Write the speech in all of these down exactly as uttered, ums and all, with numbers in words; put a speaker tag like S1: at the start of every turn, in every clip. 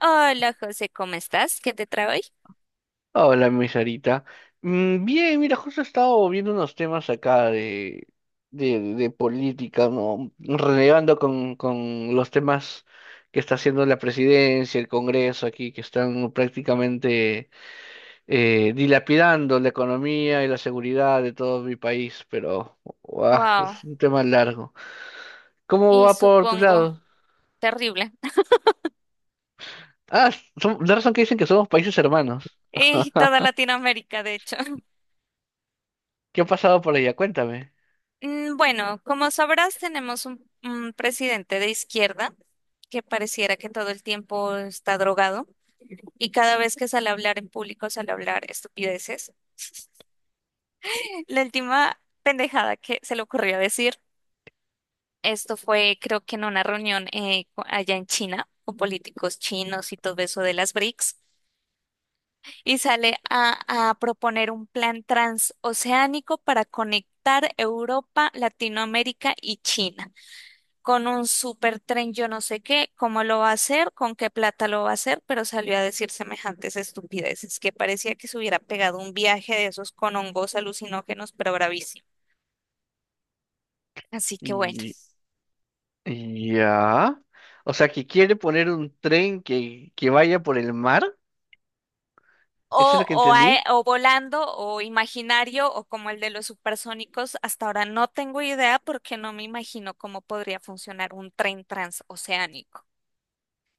S1: Hola José, ¿cómo estás? ¿Qué te trae hoy?
S2: Hola, mi Sarita. Mm, Bien, mira, justo he estado viendo unos temas acá de, de, de política, ¿no? Relevando con, con los temas que está haciendo la presidencia, el Congreso aquí, que están prácticamente eh, dilapidando la economía y la seguridad de todo mi país, pero guau,
S1: Wow,
S2: es un tema largo. ¿Cómo
S1: y
S2: va por tu
S1: supongo
S2: lado?
S1: terrible.
S2: Ah, son- la razón que dicen que somos países hermanos.
S1: Y toda Latinoamérica, de hecho.
S2: ¿Qué ha pasado por allá? Cuéntame.
S1: Mm, Bueno, como sabrás, tenemos un, un presidente de izquierda que pareciera que todo el tiempo está drogado y cada vez que sale a hablar en público sale a hablar estupideces. La última pendejada que se le ocurrió decir, esto fue creo que en una reunión eh, co- allá en China con políticos chinos y todo eso de las B R I C S. Y sale a, a proponer un plan transoceánico para conectar Europa, Latinoamérica y China con un supertren, yo no sé qué, cómo lo va a hacer, con qué plata lo va a hacer, pero salió a decir semejantes estupideces, que parecía que se hubiera pegado un viaje de esos con hongos alucinógenos, pero bravísimo. Así que bueno.
S2: Ya. O sea, que quiere poner un tren que, que vaya por el mar. ¿Eso es
S1: O,
S2: lo que
S1: o, ae-
S2: entendí?
S1: o volando o imaginario o como el de los supersónicos, hasta ahora no tengo idea porque no me imagino cómo podría funcionar un tren transoceánico.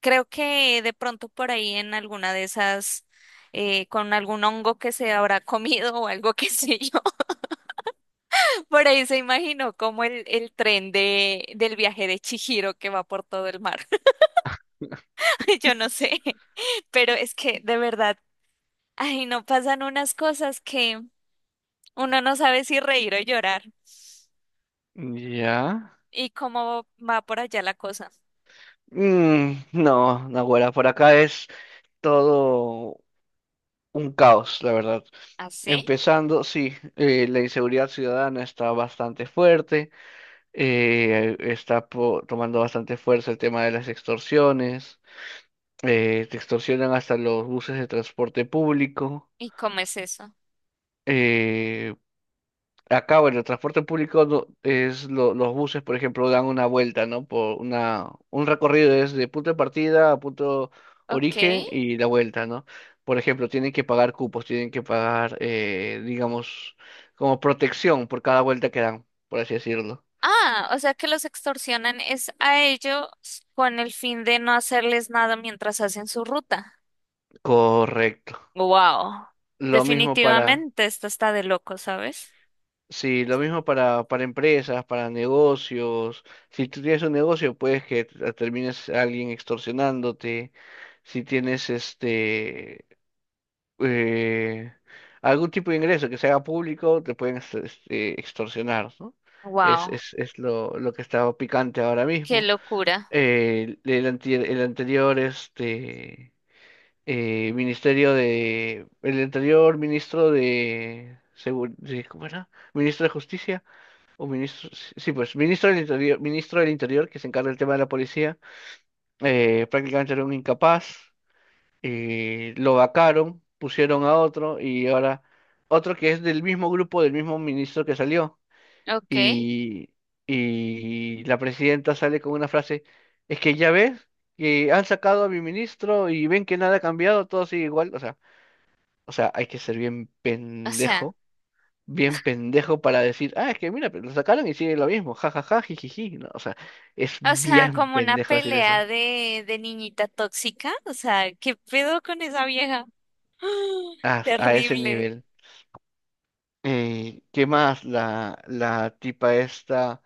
S1: Creo que de pronto por ahí en alguna de esas, eh, con algún hongo que se habrá comido o algo que sé yo, por ahí se imaginó como el, el tren de, del viaje de Chihiro que va por todo el mar. Yo no sé, pero es que de verdad, ay, no pasan unas cosas que… Uno no sabe si reír o llorar.
S2: Ya.
S1: ¿Y cómo va por allá la cosa?
S2: Mm, no, naguará, por acá es todo un caos, la verdad.
S1: ¿Así?
S2: Empezando, sí, eh, la inseguridad ciudadana está bastante fuerte, eh, está po- tomando bastante fuerza el tema de las extorsiones, eh, te extorsionan hasta los buses de transporte público,
S1: ¿Y cómo es eso?
S2: eh, acá, bueno, el transporte público no- es lo- los buses, por ejemplo, dan una vuelta, ¿no? Por una, un recorrido es de punto de partida a punto
S1: Ok.
S2: origen y la vuelta, ¿no? Por ejemplo, tienen que pagar cupos, tienen que pagar, eh, digamos, como protección por cada vuelta que dan, por así decirlo.
S1: Ah, o sea que los extorsionan es a ellos con el fin de no hacerles nada mientras hacen su ruta.
S2: Correcto.
S1: Wow.
S2: Lo mismo para,
S1: Definitivamente esto está de loco, ¿sabes?
S2: sí, lo mismo para, para empresas, para negocios. Si tú tienes un negocio, puedes que te- termines a alguien extorsionándote. Si tienes este eh, algún tipo de ingreso que se haga público, te pueden ex- este, extorsionar, ¿no? Es,
S1: Wow.
S2: es, es lo, lo que está picante ahora
S1: Qué
S2: mismo.
S1: locura.
S2: Eh, el, anti- el anterior este, eh, ministerio de... El anterior ministro de... Segur- de- ¿Cómo era? Ministro de Justicia o ministro... Sí, sí, pues ministro del Interior, ministro del Interior que se encarga del tema de la policía, eh, prácticamente era un incapaz, eh, lo vacaron, pusieron a otro y ahora otro que es del mismo grupo, del mismo ministro que salió.
S1: Ok.
S2: Y, y la presidenta sale con una frase, es que ya ves que han sacado a mi ministro y ven que nada ha cambiado, todo sigue igual. O sea, o sea, hay que ser bien
S1: O sea,
S2: pendejo, bien pendejo para decir, ah, es que mira, pero lo sacaron y sigue lo mismo, jajaja, jijiji. No, o sea, es
S1: o sea,
S2: bien
S1: como una
S2: pendejo decir eso.
S1: pelea de de niñita tóxica. O sea, ¿qué pedo con esa vieja?
S2: A, a ese
S1: Terrible.
S2: nivel. Eh, ¿qué más? La, la tipa esta,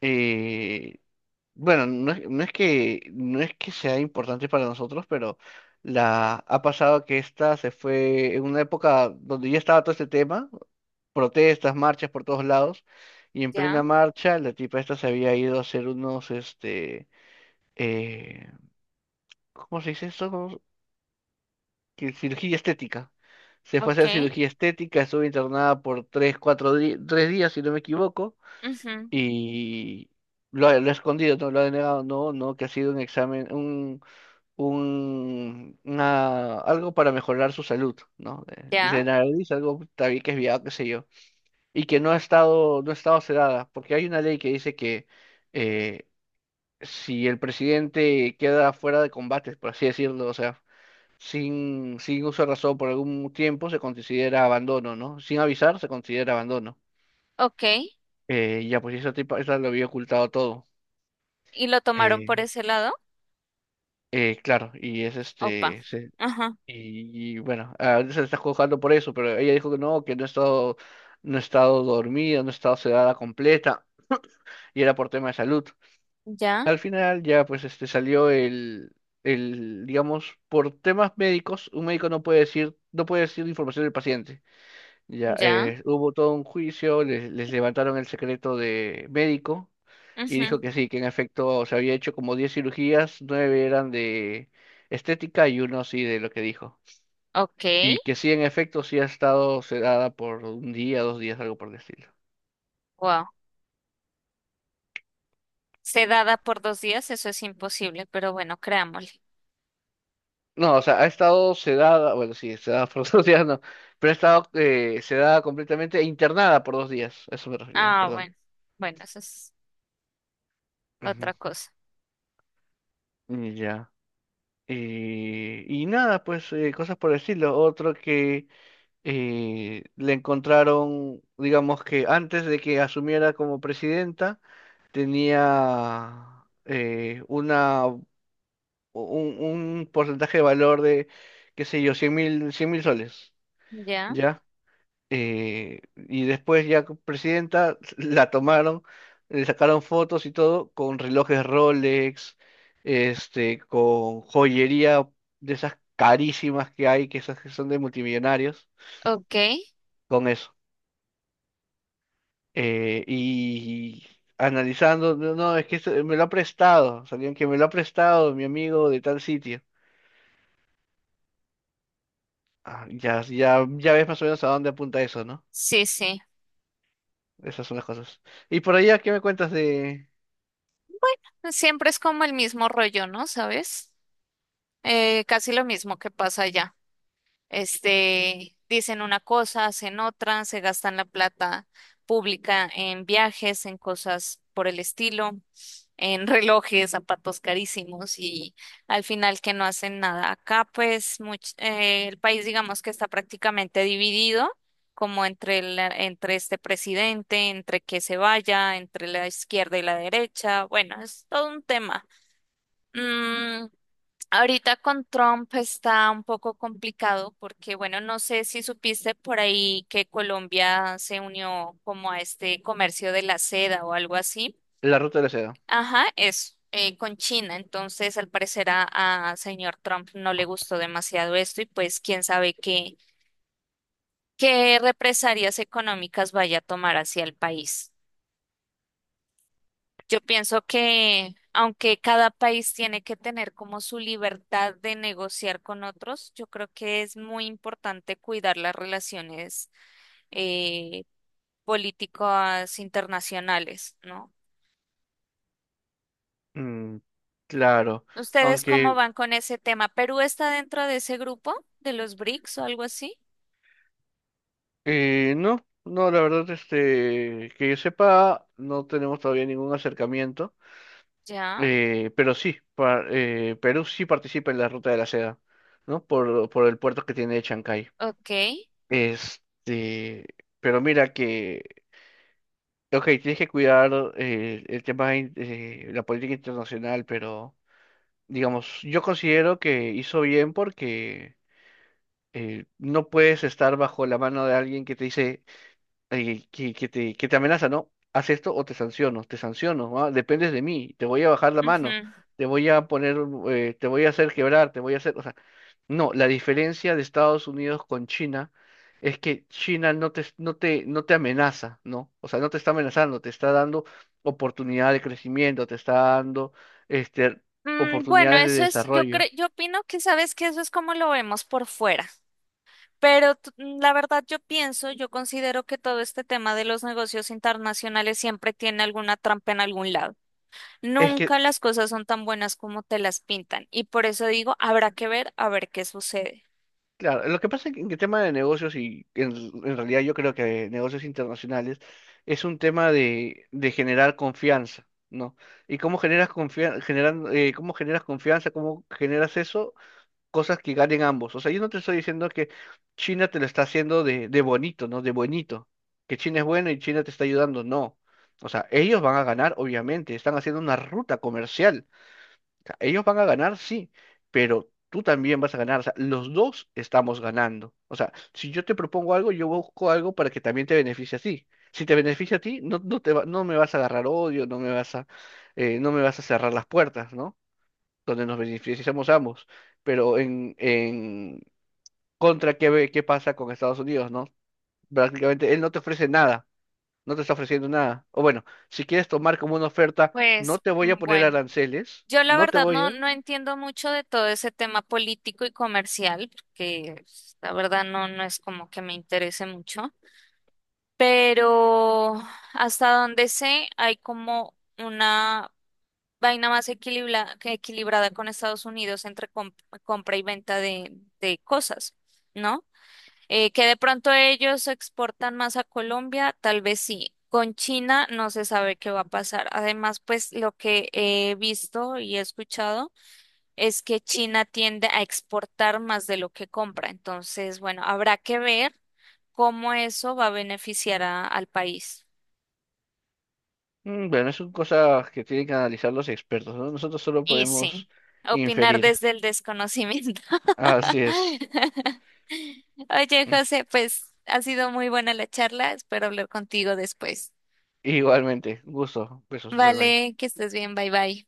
S2: eh, bueno, no es, no es que, no es que sea importante para nosotros, pero la, ha pasado que esta se fue en una época donde ya estaba todo este tema, protestas, marchas por todos lados, y en plena
S1: Ya,
S2: marcha la tipa esta se había ido a hacer unos, este, eh, ¿cómo se dice eso? ¿Cómo- que Cirugía estética. Se fue a
S1: ok,
S2: hacer cirugía estética, estuvo internada por tres, cuatro di- tres días, si no me equivoco,
S1: ujú,
S2: y lo, he lo he escondido, no lo he denegado, no, no, que ha sido un examen, un, un, una- algo para mejorar su salud, ¿no? Eh,
S1: ya,
S2: de nariz, algo también que es viado, qué sé yo, y que no ha estado, no ha estado sedada, porque hay una ley que dice que eh, si el presidente queda fuera de combates por así decirlo, o sea, sin, sin uso de razón por algún tiempo, se considera abandono, ¿no? Sin avisar, se considera abandono.
S1: ok.
S2: Eh, ya, pues esa tipa, esa lo había ocultado todo.
S1: ¿Y lo tomaron por
S2: Eh,
S1: ese lado?
S2: Eh, claro, y es
S1: Opa.
S2: este, se-
S1: Ajá.
S2: y, y bueno, ahorita se le está juzgando por eso, pero ella dijo que no, que no he estado, no he estado dormida, no he estado sedada completa, y era por tema de salud.
S1: Ya,
S2: Al final ya pues este salió el, el, digamos, por temas médicos, un médico no puede decir, no puede decir información del paciente. Ya,
S1: ya,
S2: eh, hubo todo un juicio, les, les levantaron el secreto de médico y
S1: ujú,
S2: dijo que sí, que en efecto se había hecho como diez cirugías, nueve eran de estética y uno sí de lo que dijo.
S1: ok,
S2: Y que sí, en efecto, sí ha estado sedada por un día, dos días, algo por el estilo.
S1: wow. Sedada por dos días, eso es imposible, pero bueno, creámosle.
S2: No, o sea, ha estado sedada, bueno, sí, sedada por dos días, no, pero ha estado eh, sedada completamente e internada por dos días, a eso me refería,
S1: Ah,
S2: perdón.
S1: bueno, bueno, eso es otra
S2: Ujú,
S1: cosa.
S2: ya. Y, y nada, pues eh, cosas por el estilo. Otro que eh, le encontraron, digamos que antes de que asumiera como presidenta, tenía eh, una, un, un porcentaje de valor de, qué sé yo, 100 mil, 100 mil soles,
S1: Ya,
S2: ¿ya? Eh, y después ya como presidenta la tomaron, le sacaron fotos y todo con relojes Rolex, este, con joyería de esas carísimas que hay, que esas que son de multimillonarios,
S1: ok,
S2: con eso. Eh, y analizando, no, no, es que se- me lo ha prestado, salió que me lo ha prestado mi amigo de tal sitio. Ah, ya, ya, ya ves más o menos a dónde apunta eso, ¿no?
S1: sí, sí.
S2: Esas son las cosas. Y por allá, ¿qué me cuentas de
S1: Siempre es como el mismo rollo, ¿no? ¿Sabes? Eh, casi lo mismo que pasa allá. Este, dicen una cosa, hacen otra, se gastan la plata pública en viajes, en cosas por el estilo, en relojes, zapatos carísimos y al final que no hacen nada. Acá pues much- eh, el país digamos que está prácticamente dividido como entre la- entre este presidente, entre que se vaya, entre la izquierda y la derecha. Bueno, es todo un tema. Mm, Ahorita con Trump está un poco complicado porque, bueno, no sé si supiste por ahí que Colombia se unió como a este comercio de la seda o algo así.
S2: la ruta de la seda?
S1: Ajá, eso, eh, con China. Entonces, al parecer a, a señor Trump no le gustó demasiado esto y pues quién sabe qué, qué represalias económicas vaya a tomar hacia el país. Yo pienso que aunque cada país tiene que tener como su libertad de negociar con otros, yo creo que es muy importante cuidar las relaciones eh, políticas internacionales, ¿no?
S2: Mm, claro,
S1: ¿Ustedes cómo
S2: aunque
S1: van con ese tema? ¿Perú está dentro de ese grupo de los B R I C S o algo así?
S2: eh, no, no, la verdad, este, que yo sepa, no tenemos todavía ningún acercamiento,
S1: Ya,
S2: eh, pero sí, pa- eh, Perú sí participa en la ruta de la seda, ¿no? Por, por el puerto que tiene Chancay.
S1: ok,
S2: Este, pero mira que, ok, tienes que cuidar eh, el tema de la política internacional, pero digamos, yo considero que hizo bien porque eh, no puedes estar bajo la mano de alguien que te dice, eh, que, que te, que te amenaza, ¿no? Haz esto o te sanciono, te sanciono, ah, dependes de mí, te voy a bajar la mano,
S1: ujú.
S2: te voy a poner, eh, te voy a hacer quebrar, te voy a hacer, o sea, no, la diferencia de Estados Unidos con China es que China no te, no te, no te amenaza, ¿no? O sea, no te está amenazando, te está dando oportunidad de crecimiento, te está dando, este,
S1: Mm, bueno,
S2: oportunidades de
S1: eso es, yo creo,
S2: desarrollo.
S1: yo opino que sabes que eso es como lo vemos por fuera. Pero t- mm, la verdad yo pienso, yo considero que todo este tema de los negocios internacionales siempre tiene alguna trampa en algún lado.
S2: Es
S1: Nunca
S2: que
S1: las cosas son tan buenas como te las pintan y por eso digo, habrá que ver a ver qué sucede.
S2: Claro, lo que pasa es que en el tema de negocios y en, en realidad yo creo que negocios internacionales es un tema de, de generar confianza, ¿no? Y cómo generas confianza, generan, eh, cómo generas confianza, cómo generas eso, cosas que ganen ambos. O sea, yo no te estoy diciendo que China te lo está haciendo de, de bonito, ¿no? De bonito, que China es buena y China te está ayudando, no. O sea, ellos van a ganar, obviamente, están haciendo una ruta comercial, ellos van a ganar, sí, pero tú también vas a ganar. O sea, los dos estamos ganando. O sea, si yo te propongo algo, yo busco algo para que también te beneficie a ti. Si te beneficia a ti, no, no te va- no me vas a agarrar odio, no me vas a, eh, no me vas a cerrar las puertas, ¿no? Donde nos beneficiamos ambos. Pero en, en contra, ¿qué, ve- ¿qué pasa con Estados Unidos, ¿no? Prácticamente él no te ofrece nada, no te está ofreciendo nada. O bueno, si quieres tomar como una oferta, no
S1: Pues
S2: te voy a
S1: mm,
S2: poner
S1: bueno,
S2: aranceles,
S1: yo la
S2: no te
S1: verdad
S2: voy
S1: no,
S2: a...
S1: no entiendo mucho de todo ese tema político y comercial, porque pues, la verdad no, no es como que me interese mucho, pero hasta donde sé hay como… una vaina más equilibra- que equilibrada con Estados Unidos entre com- compra y venta de, de cosas, ¿no? Eh, que de pronto ellos exportan más a Colombia, tal vez sí. Con China no se sabe qué va a pasar. Además, pues lo que he visto y he escuchado es que China tiende a exportar más de lo que compra. Entonces, bueno, habrá que ver cómo eso va a beneficiar a- al país.
S2: Mm, bueno, es son cosas que tienen que analizar los expertos, ¿no? Nosotros solo
S1: Y sí,
S2: podemos
S1: opinar
S2: inferir.
S1: desde el desconocimiento.
S2: Así es.
S1: Oye, José, pues ha sido muy buena la charla. Espero hablar contigo después.
S2: Igualmente, gusto. Besos, bye bye.
S1: Vale, que estés bien. Bye bye.